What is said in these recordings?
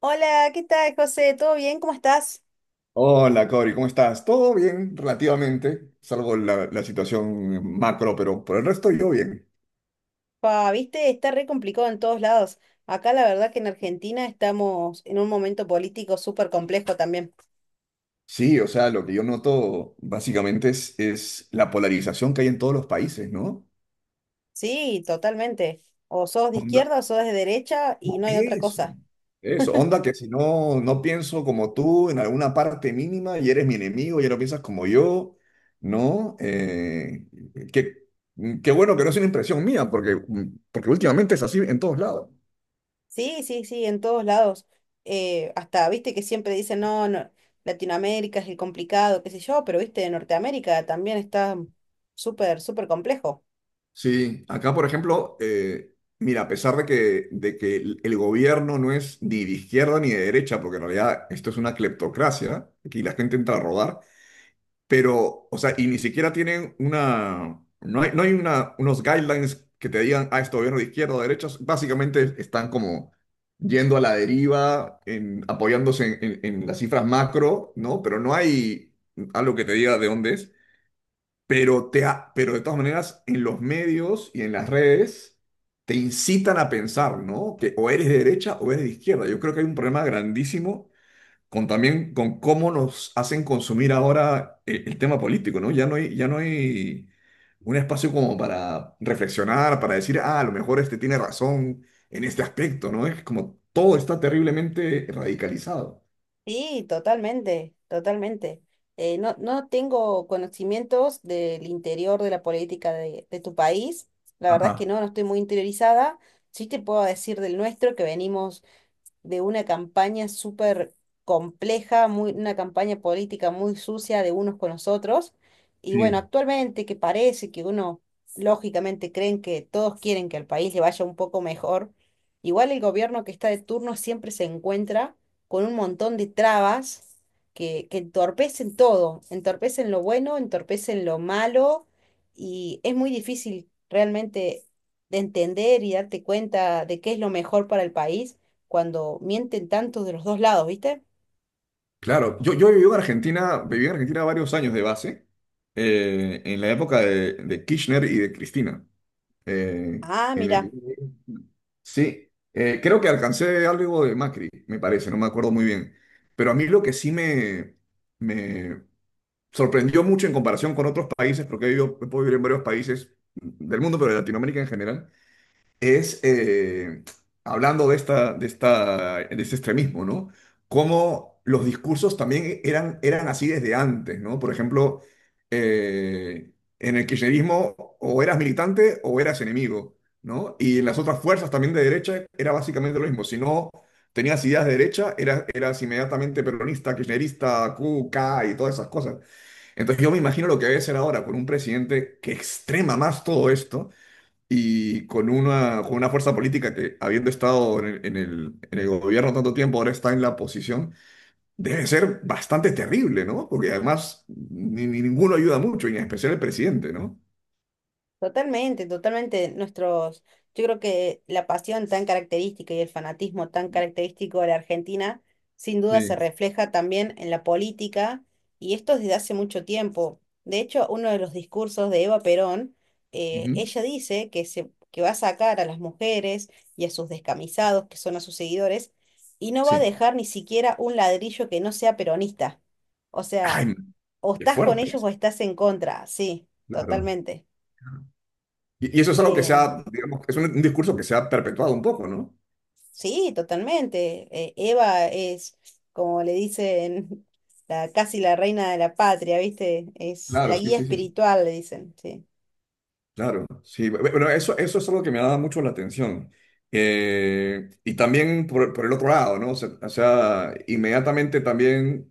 Hola, ¿qué tal, José? ¿Todo bien? ¿Cómo estás? Hola, Cori, ¿cómo estás? Todo bien, relativamente, salvo la situación macro, pero por el resto yo bien. Pa, viste, está re complicado en todos lados. Acá la verdad que en Argentina estamos en un momento político súper complejo también. Sí, o sea, lo que yo noto básicamente es la polarización que hay en todos los países, ¿no? Sí, totalmente. O sos de Onda, izquierda o sos de derecha y no, no hay otra eso, cosa. eso, onda que si no, no pienso como tú en alguna parte mínima y eres mi enemigo, ya no piensas como yo, ¿no? Que, qué bueno que no es una impresión mía, porque últimamente es así en todos lados. Sí, sí, sí, en todos lados. Hasta, viste, que siempre dicen, no, no, Latinoamérica es el complicado, qué sé yo, pero viste, Norteamérica también está súper, súper complejo. Sí, acá por ejemplo, mira, a pesar de que el gobierno no es ni de izquierda ni de derecha, porque en realidad esto es una cleptocracia, aquí la gente entra a rodar, pero, o sea, y ni siquiera tienen una, no hay, no hay una, unos guidelines que te digan, ah, este gobierno de izquierda o de derecha, básicamente están como yendo a la deriva, en, apoyándose en, en las cifras macro, ¿no? Pero no hay algo que te diga de dónde es. Pero, pero de todas maneras, en los medios y en las redes te incitan a pensar, ¿no? Que o eres de derecha o eres de izquierda. Yo creo que hay un problema grandísimo con también con cómo nos hacen consumir ahora el tema político, ¿no? Ya no hay un espacio como para reflexionar, para decir, ah, a lo mejor este tiene razón en este aspecto, ¿no? Es como todo está terriblemente radicalizado. Sí, totalmente, totalmente. No, no tengo conocimientos del interior de la política de tu país. La verdad es que Ajá. no, no estoy muy interiorizada. Sí te puedo decir del nuestro, que venimos de una campaña súper compleja, muy, una campaña política muy sucia de unos con los otros. Y bueno, Sí. actualmente que parece que uno, lógicamente, creen que todos quieren que al país le vaya un poco mejor, igual el gobierno que está de turno siempre se encuentra con un montón de trabas que entorpecen todo, entorpecen lo bueno, entorpecen lo malo, y es muy difícil realmente de entender y darte cuenta de qué es lo mejor para el país cuando mienten tanto de los dos lados, ¿viste? Claro, yo viví en Argentina varios años de base, en la época de Kirchner y de Cristina. eh, Ah, en el- mira. sí, creo que alcancé algo de Macri, me parece, no me acuerdo muy bien. Pero a mí lo que sí me sorprendió mucho en comparación con otros países, porque he vivido, he podido vivir en varios países del mundo, pero de Latinoamérica en general, es, hablando de esta, de esta, de este extremismo, ¿no? Cómo los discursos también eran así desde antes, ¿no? Por ejemplo, eh, en el kirchnerismo o eras militante o eras enemigo, ¿no? Y en las otras fuerzas también de derecha era básicamente lo mismo. Si no tenías ideas de derecha, eras inmediatamente peronista, kirchnerista, Q, K y todas esas cosas. Entonces yo me imagino lo que debe ser ahora con un presidente que extrema más todo esto y con una fuerza política que, habiendo estado en el, en el, en el gobierno tanto tiempo, ahora está en la oposición, debe ser bastante terrible, ¿no? Porque además ni, ni ninguno ayuda mucho, y en especial el presidente, ¿no? Totalmente, totalmente. Nuestros, yo creo que la pasión tan característica y el fanatismo tan característico de la Argentina, sin duda se Sí, refleja también en la política, y esto desde hace mucho tiempo. De hecho, uno de los discursos de Eva Perón, ujú, ella dice que va a sacar a las mujeres y a sus descamisados, que son a sus seguidores, y no va a sí. dejar ni siquiera un ladrillo que no sea peronista. O sea, Ay, o qué estás con fuerte ellos o es. estás en contra, sí, Claro. totalmente. Y eso es algo que se Em, ha, digamos, es un discurso que se ha perpetuado un poco, ¿no? sí, totalmente. Eva es, como le dicen, la, casi la reina de la patria, ¿viste? Es la Claro, sí, guía sí, sí, sí. espiritual, le dicen, sí. Claro, sí. Bueno, eso es algo que me ha dado mucho la atención. Y también por el otro lado, ¿no? O sea, inmediatamente también.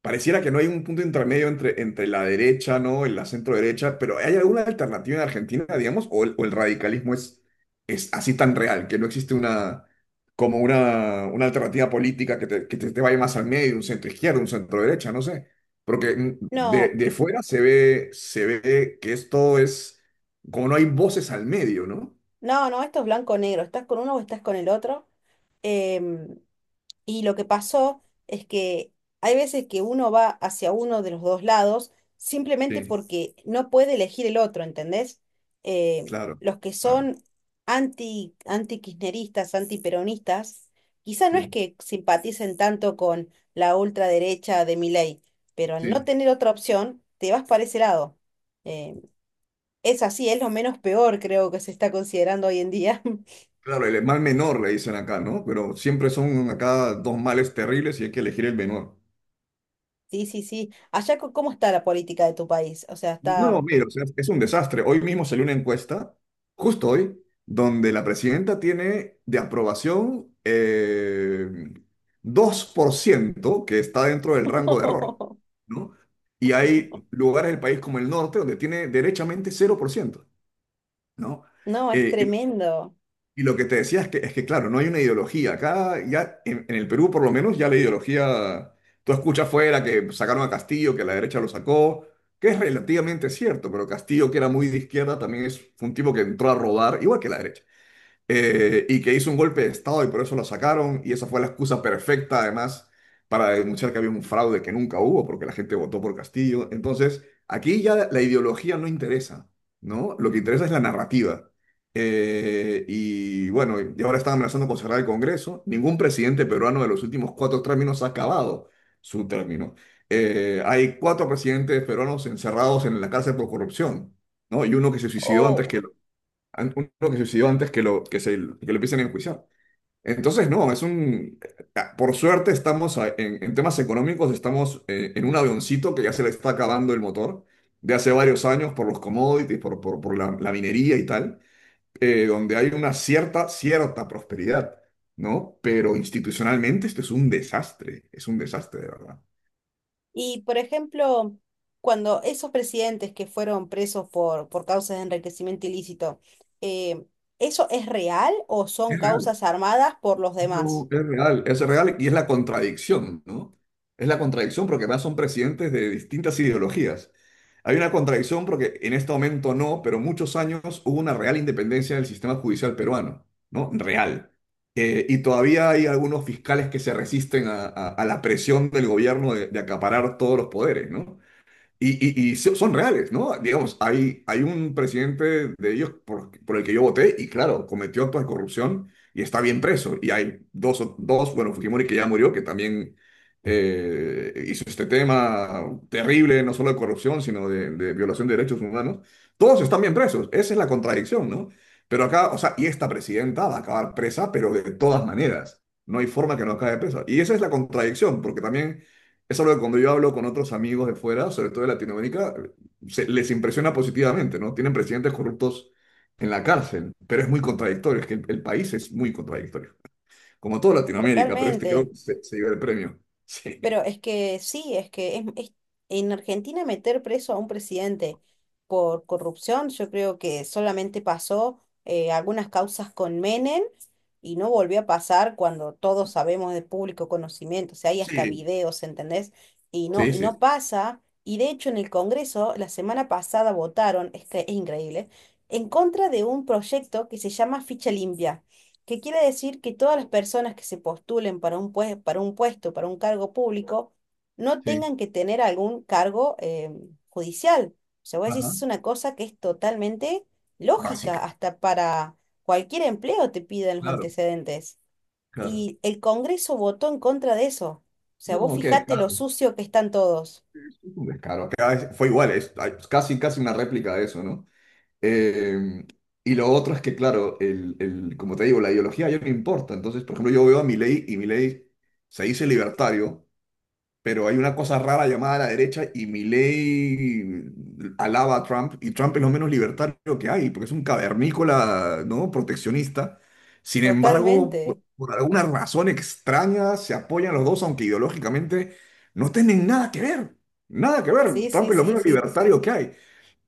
Pareciera que no hay un punto intermedio entre, entre la derecha, ¿no? En la centro derecha, pero ¿hay alguna alternativa en Argentina, digamos? O el radicalismo es así tan real, que no existe una, como una alternativa política que te vaya más al medio, un centro izquierdo, un centro derecha, no sé? Porque No, de fuera se ve que esto es, como no hay voces al medio, ¿no? no, no, esto es blanco o negro. ¿Estás con uno o estás con el otro? Em, Y lo que pasó es que hay veces que uno va hacia uno de los dos lados simplemente Sí. porque no puede elegir el otro, ¿entendés? Claro, Los que claro, son anti-kirchneristas, anti-peronistas, quizá no es sí, que simpaticen tanto con la ultraderecha de Milei, pero al no sí. tener otra opción, te vas para ese lado. Eh, es así, es lo menos peor creo que se está considerando hoy en día. Claro, el mal menor le dicen acá, ¿no? Pero siempre son acá dos males terribles y hay que elegir el menor. Sí, sí, sí. Allá, co- ¿cómo está la política de tu país? O sea, ¿está No, mira, o sea, es un desastre. Hoy mismo salió una encuesta, justo hoy, donde la presidenta tiene de aprobación 2%, que está dentro del rango de error, ¿no? Y hay lugares del país como el norte donde tiene derechamente 0%, ¿no? no, es Eh, tremendo. y lo que te decía es que claro, no hay una ideología. Acá, ya en el Perú, por lo menos, ya la ideología. Tú escuchas afuera que sacaron a Castillo, que la derecha lo sacó, que es relativamente cierto, pero Castillo, que era muy de izquierda, también es fue un tipo que entró a robar, igual que la derecha y que hizo un golpe de Estado y por eso lo sacaron, y esa fue la excusa perfecta además para denunciar que había un fraude que nunca hubo, porque la gente votó por Castillo. Entonces, aquí ya la ideología no interesa, ¿no? Lo que interesa es la narrativa. Y bueno, y ahora están amenazando con cerrar el Congreso. Ningún presidente peruano de los últimos cuatro términos ha acabado su término. Hay cuatro presidentes peruanos encerrados en la cárcel por corrupción, ¿no? Y uno que se suicidó antes Oh. que an- uno que suicidó antes que lo, que se, que lo empiecen a enjuiciar. Entonces, no, es un... Por suerte estamos en temas económicos, estamos en un avioncito que ya se le está acabando el motor de hace varios años por los commodities, por la, la minería y tal, donde hay una cierta, cierta prosperidad, ¿no? Pero institucionalmente esto es un desastre de verdad. Y por ejemplo, cuando esos presidentes que fueron presos por causas de enriquecimiento ilícito, eh, ¿eso es real o son Es real. causas armadas por los No, demás? Es real y es la contradicción, ¿no? Es la contradicción porque además son presidentes de distintas ideologías. Hay una contradicción porque en este momento no, pero muchos años hubo una real independencia del sistema judicial peruano, ¿no? Real. Y todavía hay algunos fiscales que se resisten a, a la presión del gobierno de acaparar todos los poderes, ¿no? Y, y, son reales, ¿no? Digamos, hay un presidente de ellos por el que yo voté y claro, cometió actos de corrupción y está bien preso. Y hay dos, dos bueno, Fujimori que ya murió, que también hizo este tema terrible, no solo de corrupción, sino de violación de derechos humanos. Todos están bien presos, esa es la contradicción, ¿no? Pero acá, o sea, y esta presidenta va a acabar presa, pero de todas maneras, no hay forma que no acabe presa. Y esa es la contradicción, porque también es algo que cuando yo hablo con otros amigos de fuera, sobre todo de Latinoamérica, les impresiona positivamente, ¿no? Tienen presidentes corruptos en la cárcel, pero es muy contradictorio, es que el país es muy contradictorio, como toda Latinoamérica, pero este Totalmente. creo que se lleva el premio. Pero es que sí, es que es- en Argentina meter preso a un presidente por corrupción, yo creo que solamente pasó algunas causas con Menem y no volvió a pasar cuando todos sabemos de público conocimiento, o sea, hay Sí, hasta sí, videos, ¿entendés? Sí, Y sí, no pasa. Y de hecho en el Congreso la semana pasada votaron, es que es increíble, en contra de un proyecto que se llama Ficha Limpia que quiere decir que todas las personas que se postulen para un pue- para un puesto, para un cargo público, no sí. tengan que tener algún cargo judicial. O sea, vos decís, Ajá. es una cosa que es totalmente lógica, Básica. hasta para cualquier empleo te piden los Claro, antecedentes. claro. Y el Congreso votó en contra de eso. O sea, vos No, qué fijate lo descaro, sucio que están todos. es un descaro. Acá fue igual, es, casi, casi una réplica de eso, ¿no? Eh, y lo otro es que, claro, el, como te digo, la ideología ya no importa. Entonces, por ejemplo, yo veo a Milei y Milei se dice libertario, pero hay una cosa rara llamada la derecha y Milei alaba a Trump y Trump es lo menos libertario que hay, porque es un cavernícola, ¿no? Proteccionista. Sin embargo, Totalmente. por alguna razón extraña se apoyan los dos, aunque ideológicamente no tienen nada que ver. Nada que ver. Sí, Trump sí, es lo sí, menos sí. libertario que hay.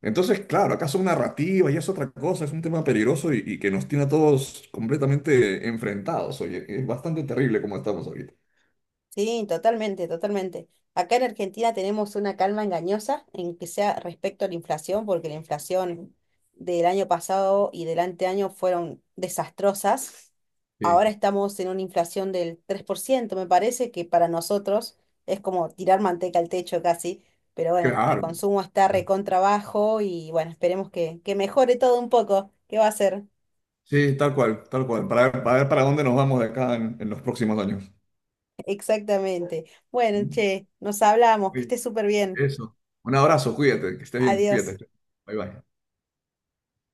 Entonces, claro, acá son narrativas y es otra cosa, es un tema peligroso y que nos tiene a todos completamente enfrentados. Oye, es bastante terrible como estamos ahorita. Sí, totalmente, totalmente. Acá en Argentina tenemos una calma engañosa en que sea respecto a la inflación, porque la inflación del año pasado y del anteaño fueron desastrosas. Sí. Ahora estamos en una inflación del 3%, me parece que para nosotros es como tirar manteca al techo casi, pero bueno, el Claro, consumo está claro. recontra bajo y bueno, esperemos que mejore todo un poco. ¿Qué va a ser? Sí, tal cual, tal cual. Ver para dónde nos vamos de acá en los próximos años. Exactamente. Bueno, che, nos hablamos, que Oye, esté súper bien. eso. Un abrazo, cuídate, que estés bien, Adiós. cuídate. Bye bye.